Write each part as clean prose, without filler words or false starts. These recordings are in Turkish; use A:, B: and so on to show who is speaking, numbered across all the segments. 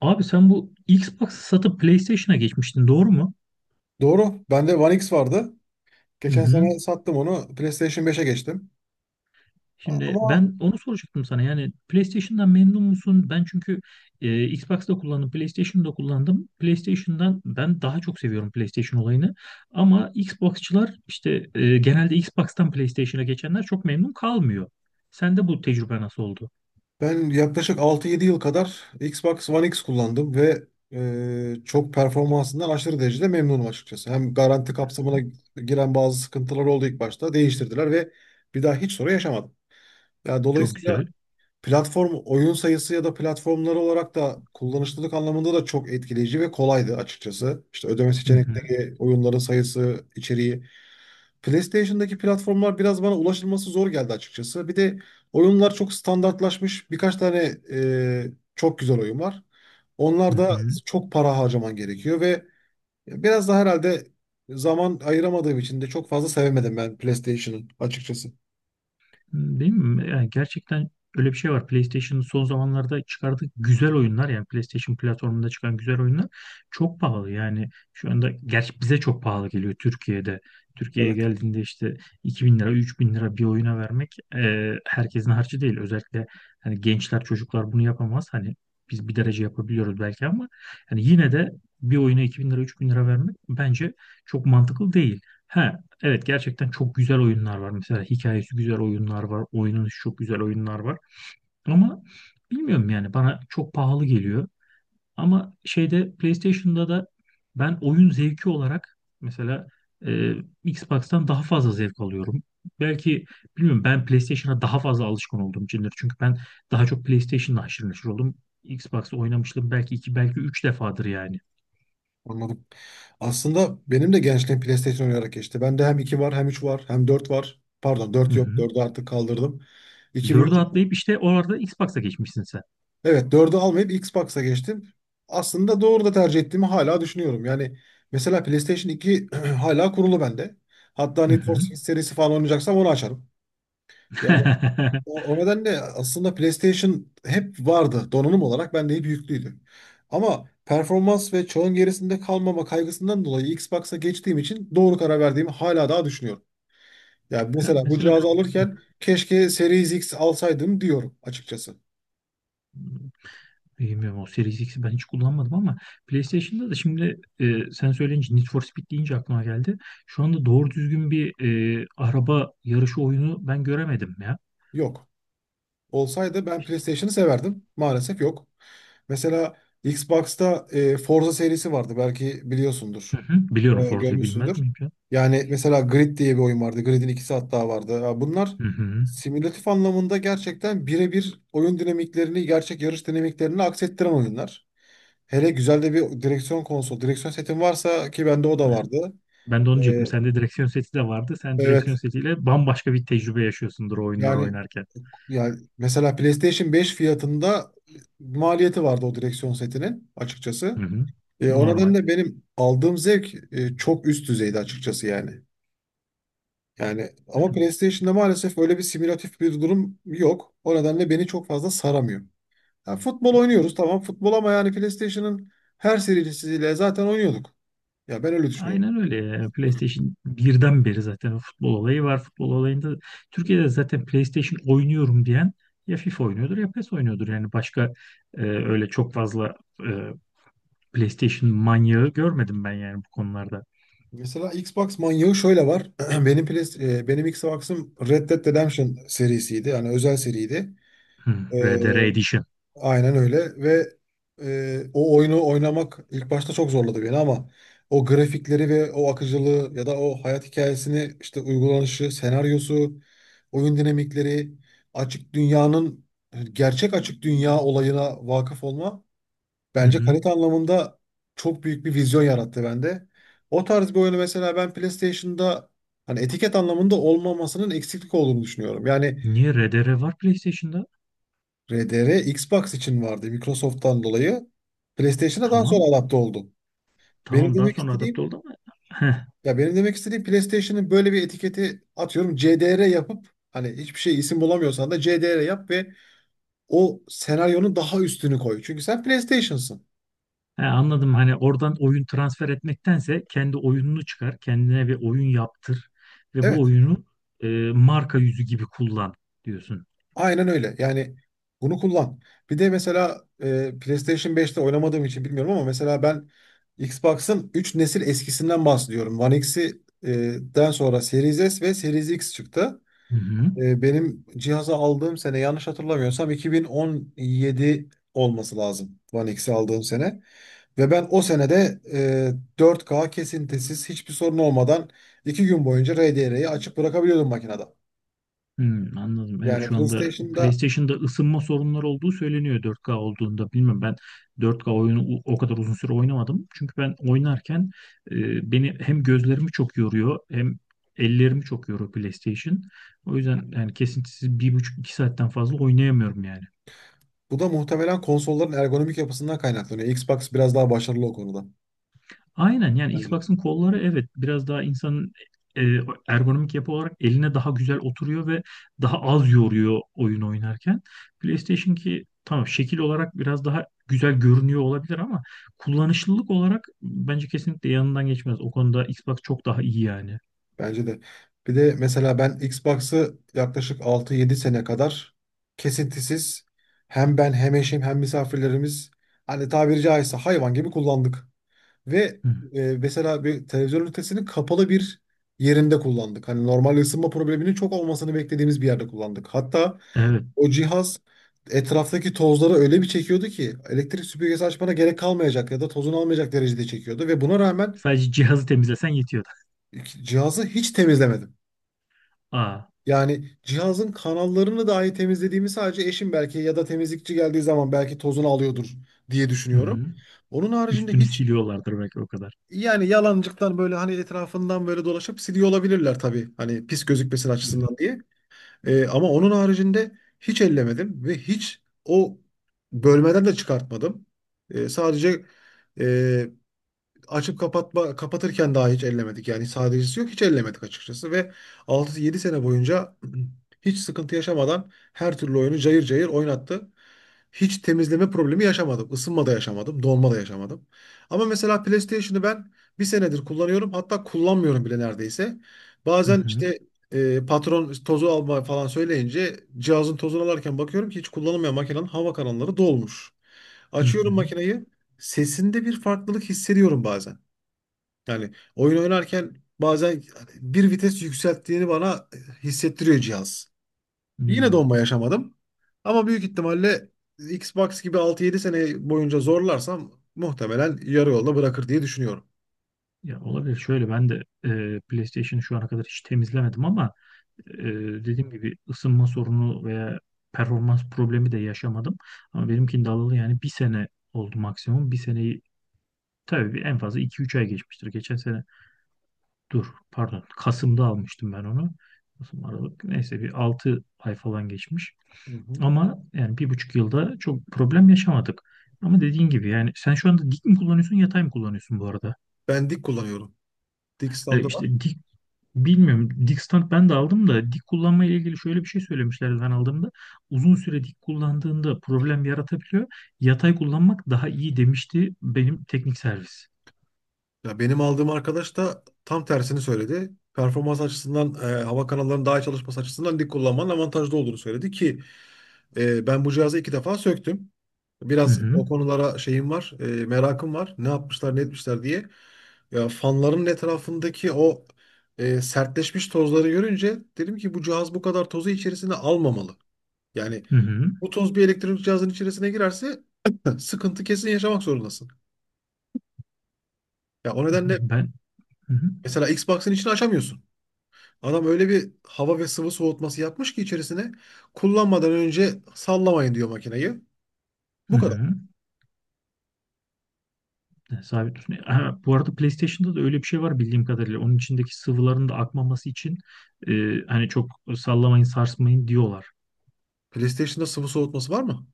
A: Abi sen bu Xbox'ı satıp PlayStation'a geçmiştin, doğru mu?
B: Doğru. Bende One X vardı.
A: Hı
B: Geçen
A: hı.
B: sene sattım onu. PlayStation 5'e geçtim.
A: Şimdi
B: Ama
A: ben onu soracaktım sana. Yani PlayStation'dan memnun musun? Ben çünkü Xbox'ta kullandım, PlayStation'da kullandım. PlayStation'dan ben daha çok seviyorum PlayStation olayını. Ama Xbox'çılar işte genelde Xbox'tan PlayStation'a geçenler çok memnun kalmıyor. Sende bu tecrübe nasıl oldu?
B: ben yaklaşık 6-7 yıl kadar Xbox One X kullandım ve çok performansından aşırı derecede memnunum açıkçası. Hem garanti kapsamına giren bazı sıkıntılar oldu ilk başta. Değiştirdiler ve bir daha hiç sorun yaşamadım. Yani
A: Çok
B: dolayısıyla
A: güzel.
B: platform oyun sayısı ya da platformları olarak da kullanışlılık anlamında da çok etkileyici ve kolaydı açıkçası. İşte ödeme
A: Hı hı.
B: seçenekleri, oyunların sayısı, içeriği. PlayStation'daki platformlar biraz bana ulaşılması zor geldi açıkçası. Bir de oyunlar çok standartlaşmış. Birkaç tane çok güzel oyun var.
A: Hı
B: Onlar da
A: hı.
B: çok para harcaman gerekiyor ve biraz da herhalde zaman ayıramadığım için de çok fazla sevemedim ben PlayStation'ı açıkçası.
A: Değil mi? Yani gerçekten öyle bir şey var. PlayStation'ın son zamanlarda çıkardığı güzel oyunlar, yani PlayStation platformunda çıkan güzel oyunlar çok pahalı. Yani şu anda gerçi bize çok pahalı geliyor Türkiye'de. Türkiye'ye
B: Evet.
A: geldiğinde işte 2.000 lira, 3.000 lira bir oyuna vermek herkesin harcı değil. Özellikle hani gençler, çocuklar bunu yapamaz. Hani biz bir derece yapabiliyoruz belki ama hani yine de bir oyuna 2.000 lira, 3000 lira vermek bence çok mantıklı değil. He, evet, gerçekten çok güzel oyunlar var. Mesela hikayesi güzel oyunlar var. Oynanışı çok güzel oyunlar var. Ama bilmiyorum, yani bana çok pahalı geliyor. Ama şeyde, PlayStation'da da ben oyun zevki olarak mesela e, Xbox'tan daha fazla zevk alıyorum. Belki, bilmiyorum, ben PlayStation'a daha fazla alışkın olduğum içindir. Çünkü ben daha çok PlayStation'la haşır neşir oldum. Xbox'ta oynamıştım belki iki, belki üç defadır yani.
B: Anladım. Aslında benim de gençliğim PlayStation oynayarak geçti. Bende hem 2 var, hem 3 var, hem 4 var. Pardon
A: Hı
B: dört yok,
A: hı.
B: dördü artık kaldırdım. İki ve
A: Dördü
B: üç.
A: atlayıp işte orada Xbox'a geçmişsin sen.
B: Evet, dördü almayıp Xbox'a geçtim. Aslında doğru da tercih ettiğimi hala düşünüyorum. Yani mesela PlayStation 2 hala kurulu bende. Hatta Need for
A: Hı
B: Speed serisi falan oynayacaksam onu açarım. Ya.
A: hı.
B: O nedenle aslında PlayStation hep vardı, donanım olarak bende hep yüklüydü. Ama performans ve çağın gerisinde kalmama kaygısından dolayı Xbox'a geçtiğim için doğru karar verdiğimi hala daha düşünüyorum. Yani
A: Ha,
B: mesela bu
A: mesela
B: cihazı alırken keşke Series X alsaydım diyorum açıkçası.
A: bilmiyorum, o Series X'i ben hiç kullanmadım ama PlayStation'da da şimdi, sen söyleyince Need for Speed deyince aklıma geldi. Şu anda doğru düzgün bir araba yarışı oyunu ben göremedim ya.
B: Yok. Olsaydı ben PlayStation'ı severdim. Maalesef yok. Mesela Xbox'ta Forza serisi vardı. Belki biliyorsundur.
A: Hı hı. Biliyorum, Forza'yı bilmez
B: Görmüşsündür.
A: miyim ya?
B: Yani mesela Grid diye bir oyun vardı. Grid'in ikisi hatta vardı. Ya bunlar
A: Hı hı.
B: simülatif anlamında gerçekten birebir oyun dinamiklerini, gerçek yarış dinamiklerini aksettiren oyunlar. Hele güzel de bir direksiyon konsol, direksiyon setim varsa ki bende o da vardı.
A: Ben de onu diyecektim.
B: E,
A: Sende direksiyon seti de vardı. Sen direksiyon
B: Evet.
A: setiyle bambaşka bir tecrübe yaşıyorsundur o oyunları
B: Yani
A: oynarken.
B: yani mesela PlayStation 5 fiyatında maliyeti vardı o direksiyon setinin
A: Hı
B: açıkçası.
A: hı.
B: O
A: Normal.
B: nedenle benim aldığım zevk çok üst düzeydi açıkçası yani. Yani
A: Yani
B: ama PlayStation'da maalesef öyle bir simülatif bir durum yok. O nedenle beni çok fazla saramıyor. Ya futbol oynuyoruz, tamam futbol, ama yani PlayStation'ın her serisiyle zaten oynuyorduk. Ya ben öyle düşünüyorum.
A: aynen öyle ya. Yani PlayStation birden beri zaten o futbol olayı var. Futbol olayında Türkiye'de zaten PlayStation oynuyorum diyen ya FIFA oynuyordur ya PES oynuyordur. Yani başka öyle çok fazla e, PlayStation manyağı görmedim ben, yani bu konularda.
B: Mesela Xbox manyağı şöyle var. Benim Xbox'ım Red Dead Redemption serisiydi. Yani özel seriydi.
A: Hmm,
B: E,
A: RDR Edition.
B: Aynen öyle ve o oyunu oynamak ilk başta çok zorladı beni ama o grafikleri ve o akıcılığı ya da o hayat hikayesini işte uygulanışı, senaryosu, oyun dinamikleri, açık dünyanın gerçek açık dünya olayına vakıf olma
A: Hı
B: bence
A: hı.
B: kalite anlamında çok büyük bir vizyon yarattı bende. O tarz bir oyunu mesela ben PlayStation'da hani etiket anlamında olmamasının eksiklik olduğunu düşünüyorum. Yani
A: Niye RDR var PlayStation'da?
B: RDR Xbox için vardı Microsoft'tan dolayı. PlayStation'a daha
A: Tamam.
B: sonra adapte oldu. Benim
A: Tamam, daha
B: demek
A: sonra adapte
B: istediğim
A: oldu ama
B: ya benim demek istediğim PlayStation'ın böyle bir etiketi atıyorum CDR yapıp, hani hiçbir şey isim bulamıyorsan da CDR yap ve o senaryonun daha üstünü koy. Çünkü sen PlayStation'sın.
A: he, anladım. Hani oradan oyun transfer etmektense kendi oyununu çıkar, kendine bir oyun yaptır ve bu
B: Evet.
A: oyunu e, marka yüzü gibi kullan diyorsun.
B: Aynen öyle. Yani bunu kullan. Bir de mesela PlayStation 5'te oynamadığım için bilmiyorum, ama mesela ben Xbox'ın 3 nesil eskisinden bahsediyorum. One X'i den sonra Series S ve Series X çıktı.
A: Hı hı.
B: Benim cihazı aldığım sene, yanlış hatırlamıyorsam 2017 olması lazım One X'i aldığım sene. Ve ben o senede 4K kesintisiz, hiçbir sorun olmadan 2 gün boyunca RDR'yi açık bırakabiliyordum makinede.
A: Hmm, anladım. Evet,
B: Yani evet.
A: şu anda
B: PlayStation'da
A: PlayStation'da ısınma sorunları olduğu söyleniyor 4K olduğunda. Bilmem, ben 4K oyunu o kadar uzun süre oynamadım. Çünkü ben oynarken beni hem gözlerimi çok yoruyor hem ellerimi çok yoruyor PlayStation. O yüzden yani kesintisiz 1,5, iki saatten fazla oynayamıyorum yani.
B: bu da muhtemelen konsolların ergonomik yapısından kaynaklanıyor. Xbox biraz daha başarılı o konuda
A: Aynen, yani
B: bence.
A: Xbox'ın kolları, evet, biraz daha insanın e, ergonomik yapı olarak eline daha güzel oturuyor ve daha az yoruyor oyun oynarken. PlayStation ki, tamam, şekil olarak biraz daha güzel görünüyor olabilir ama kullanışlılık olarak bence kesinlikle yanından geçmez. O konuda Xbox çok daha iyi yani.
B: Bence de. Bir de mesela ben Xbox'ı yaklaşık 6-7 sene kadar kesintisiz, hem ben hem eşim hem misafirlerimiz, hani tabiri caizse hayvan gibi kullandık. Ve
A: Hı.
B: mesela bir televizyon ünitesinin kapalı bir yerinde kullandık. Hani normal ısınma probleminin çok olmasını beklediğimiz bir yerde kullandık. Hatta
A: Evet.
B: o cihaz etraftaki tozları öyle bir çekiyordu ki, elektrik süpürgesi açmana gerek kalmayacak ya da tozunu almayacak derecede çekiyordu, ve buna rağmen
A: Sadece cihazı temizlesen yetiyordu.
B: cihazı hiç temizlemedim.
A: Aa.
B: Yani cihazın kanallarını dahi temizlediğimi sadece eşim belki ya da temizlikçi geldiği zaman belki tozunu alıyordur diye
A: Hı
B: düşünüyorum.
A: hı.
B: Onun haricinde
A: Üstünü
B: hiç,
A: siliyorlardır belki, o kadar.
B: yani yalancıktan böyle hani etrafından böyle dolaşıp siliyor olabilirler tabii. Hani pis gözükmesin
A: Hı hı.
B: açısından diye. Ama onun haricinde hiç ellemedim ve hiç o bölmeden de çıkartmadım. Sadece e, açıp kapatma, kapatırken daha, hiç ellemedik. Yani sadecesi yok, hiç ellemedik açıkçası, ve 6-7 sene boyunca hiç sıkıntı yaşamadan her türlü oyunu cayır cayır oynattı. Hiç temizleme problemi yaşamadım. Isınma da yaşamadım, donma da yaşamadım. Ama mesela PlayStation'ı ben bir senedir kullanıyorum. Hatta kullanmıyorum bile neredeyse.
A: Hı
B: Bazen
A: hı.
B: işte patron tozu alma falan söyleyince cihazın tozunu alarken bakıyorum ki hiç kullanılmayan makinenin hava kanalları dolmuş.
A: Hı
B: Açıyorum
A: hı.
B: makineyi, sesinde bir farklılık hissediyorum bazen. Yani oyun oynarken bazen bir vites yükselttiğini bana hissettiriyor cihaz. Yine
A: Hmm.
B: donma yaşamadım. Ama büyük ihtimalle Xbox gibi 6-7 sene boyunca zorlarsam muhtemelen yarı yolda bırakır diye düşünüyorum.
A: Ya, olabilir. Şöyle, ben de PlayStation'ı şu ana kadar hiç temizlemedim ama e, dediğim gibi ısınma sorunu veya performans problemi de yaşamadım. Ama benimkinde alalı yani bir sene oldu maksimum. Bir seneyi tabii, bir en fazla iki üç ay geçmiştir. Geçen sene, dur, pardon, Kasım'da almıştım ben onu. Kasım, Aralık, neyse, bir 6 ay falan geçmiş.
B: Hı hı.
A: Ama yani 1,5 yılda çok problem yaşamadık. Ama dediğin gibi, yani sen şu anda dik mi kullanıyorsun, yatay mı kullanıyorsun bu arada?
B: Ben dik kullanıyorum. Dik standı var.
A: İşte dik, bilmiyorum. Dik stand ben de aldım da dik kullanma ile ilgili şöyle bir şey söylemişlerdi ben aldığımda. Uzun süre dik kullandığında problem yaratabiliyor. Yatay kullanmak daha iyi demişti benim teknik servis.
B: Ya benim aldığım arkadaş da tam tersini söyledi. Performans açısından, hava kanallarının daha iyi çalışması açısından dik kullanmanın avantajlı olduğunu söyledi ki ben bu cihazı 2 defa söktüm.
A: Hı
B: Biraz
A: hı.
B: o konulara şeyim var, merakım var. Ne yapmışlar, ne etmişler diye. Ya fanların etrafındaki o sertleşmiş tozları görünce dedim ki bu cihaz bu kadar tozu içerisine almamalı. Yani
A: Hı hı.
B: bu toz bir elektronik cihazın içerisine girerse sıkıntı kesin yaşamak zorundasın. Ya o nedenle
A: Ben, hı hı.
B: mesela Xbox'ın içini açamıyorsun. Adam öyle bir hava ve sıvı soğutması yapmış ki, içerisine kullanmadan önce sallamayın diyor makineyi.
A: Hı
B: Bu kadar.
A: hı. Sabit tutun. Ha, bu arada PlayStation'da da öyle bir şey var bildiğim kadarıyla. Onun içindeki sıvıların da akmaması için e, hani çok sallamayın, sarsmayın diyorlar.
B: PlayStation'da sıvı soğutması var mı?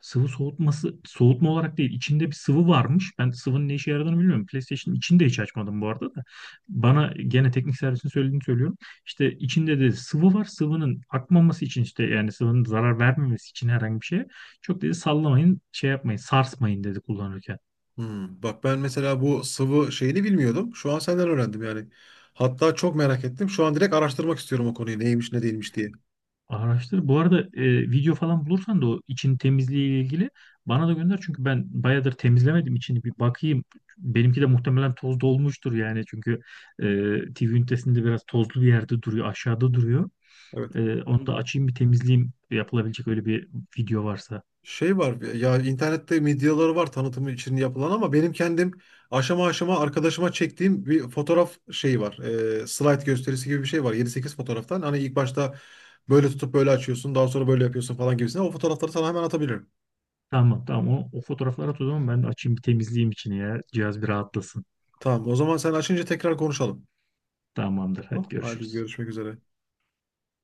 A: Sıvı soğutması, soğutma olarak değil, içinde bir sıvı varmış. Ben sıvının ne işe yaradığını bilmiyorum. PlayStation'ın içini de hiç açmadım bu arada da. Bana gene teknik servisin söylediğini söylüyorum. İşte içinde de sıvı var. Sıvının akmaması için işte, yani sıvının zarar vermemesi için herhangi bir şey. Çok dedi, sallamayın, şey yapmayın, sarsmayın dedi kullanırken.
B: Hmm, bak ben mesela bu sıvı şeyini bilmiyordum. Şu an senden öğrendim yani. Hatta çok merak ettim. Şu an direkt araştırmak istiyorum o konuyu, neymiş ne değilmiş diye.
A: Araştır. Bu arada video falan bulursan da o için temizliği ile ilgili bana da gönder. Çünkü ben bayağıdır temizlemedim içini, bir bakayım. Benimki de muhtemelen toz dolmuştur yani. Çünkü e, TV ünitesinde biraz tozlu bir yerde duruyor. Aşağıda duruyor.
B: Evet.
A: E, onu da açayım bir temizleyeyim. Yapılabilecek öyle bir video varsa.
B: Şey var ya, internette medyaları var tanıtımı için yapılan, ama benim kendim aşama aşama arkadaşıma çektiğim bir fotoğraf şeyi var. Slide gösterisi gibi bir şey var. 7-8 fotoğraftan. Hani ilk başta böyle tutup böyle açıyorsun, daha sonra böyle yapıyorsun falan gibisine. O fotoğrafları sana hemen atabilirim.
A: Tamam, tamam, o fotoğrafları at o zaman, ben de açayım bir temizleyeyim içini ya. Cihaz bir rahatlasın.
B: Tamam, o zaman sen açınca tekrar konuşalım.
A: Tamamdır, hadi
B: Tamam, hadi
A: görüşürüz.
B: görüşmek üzere.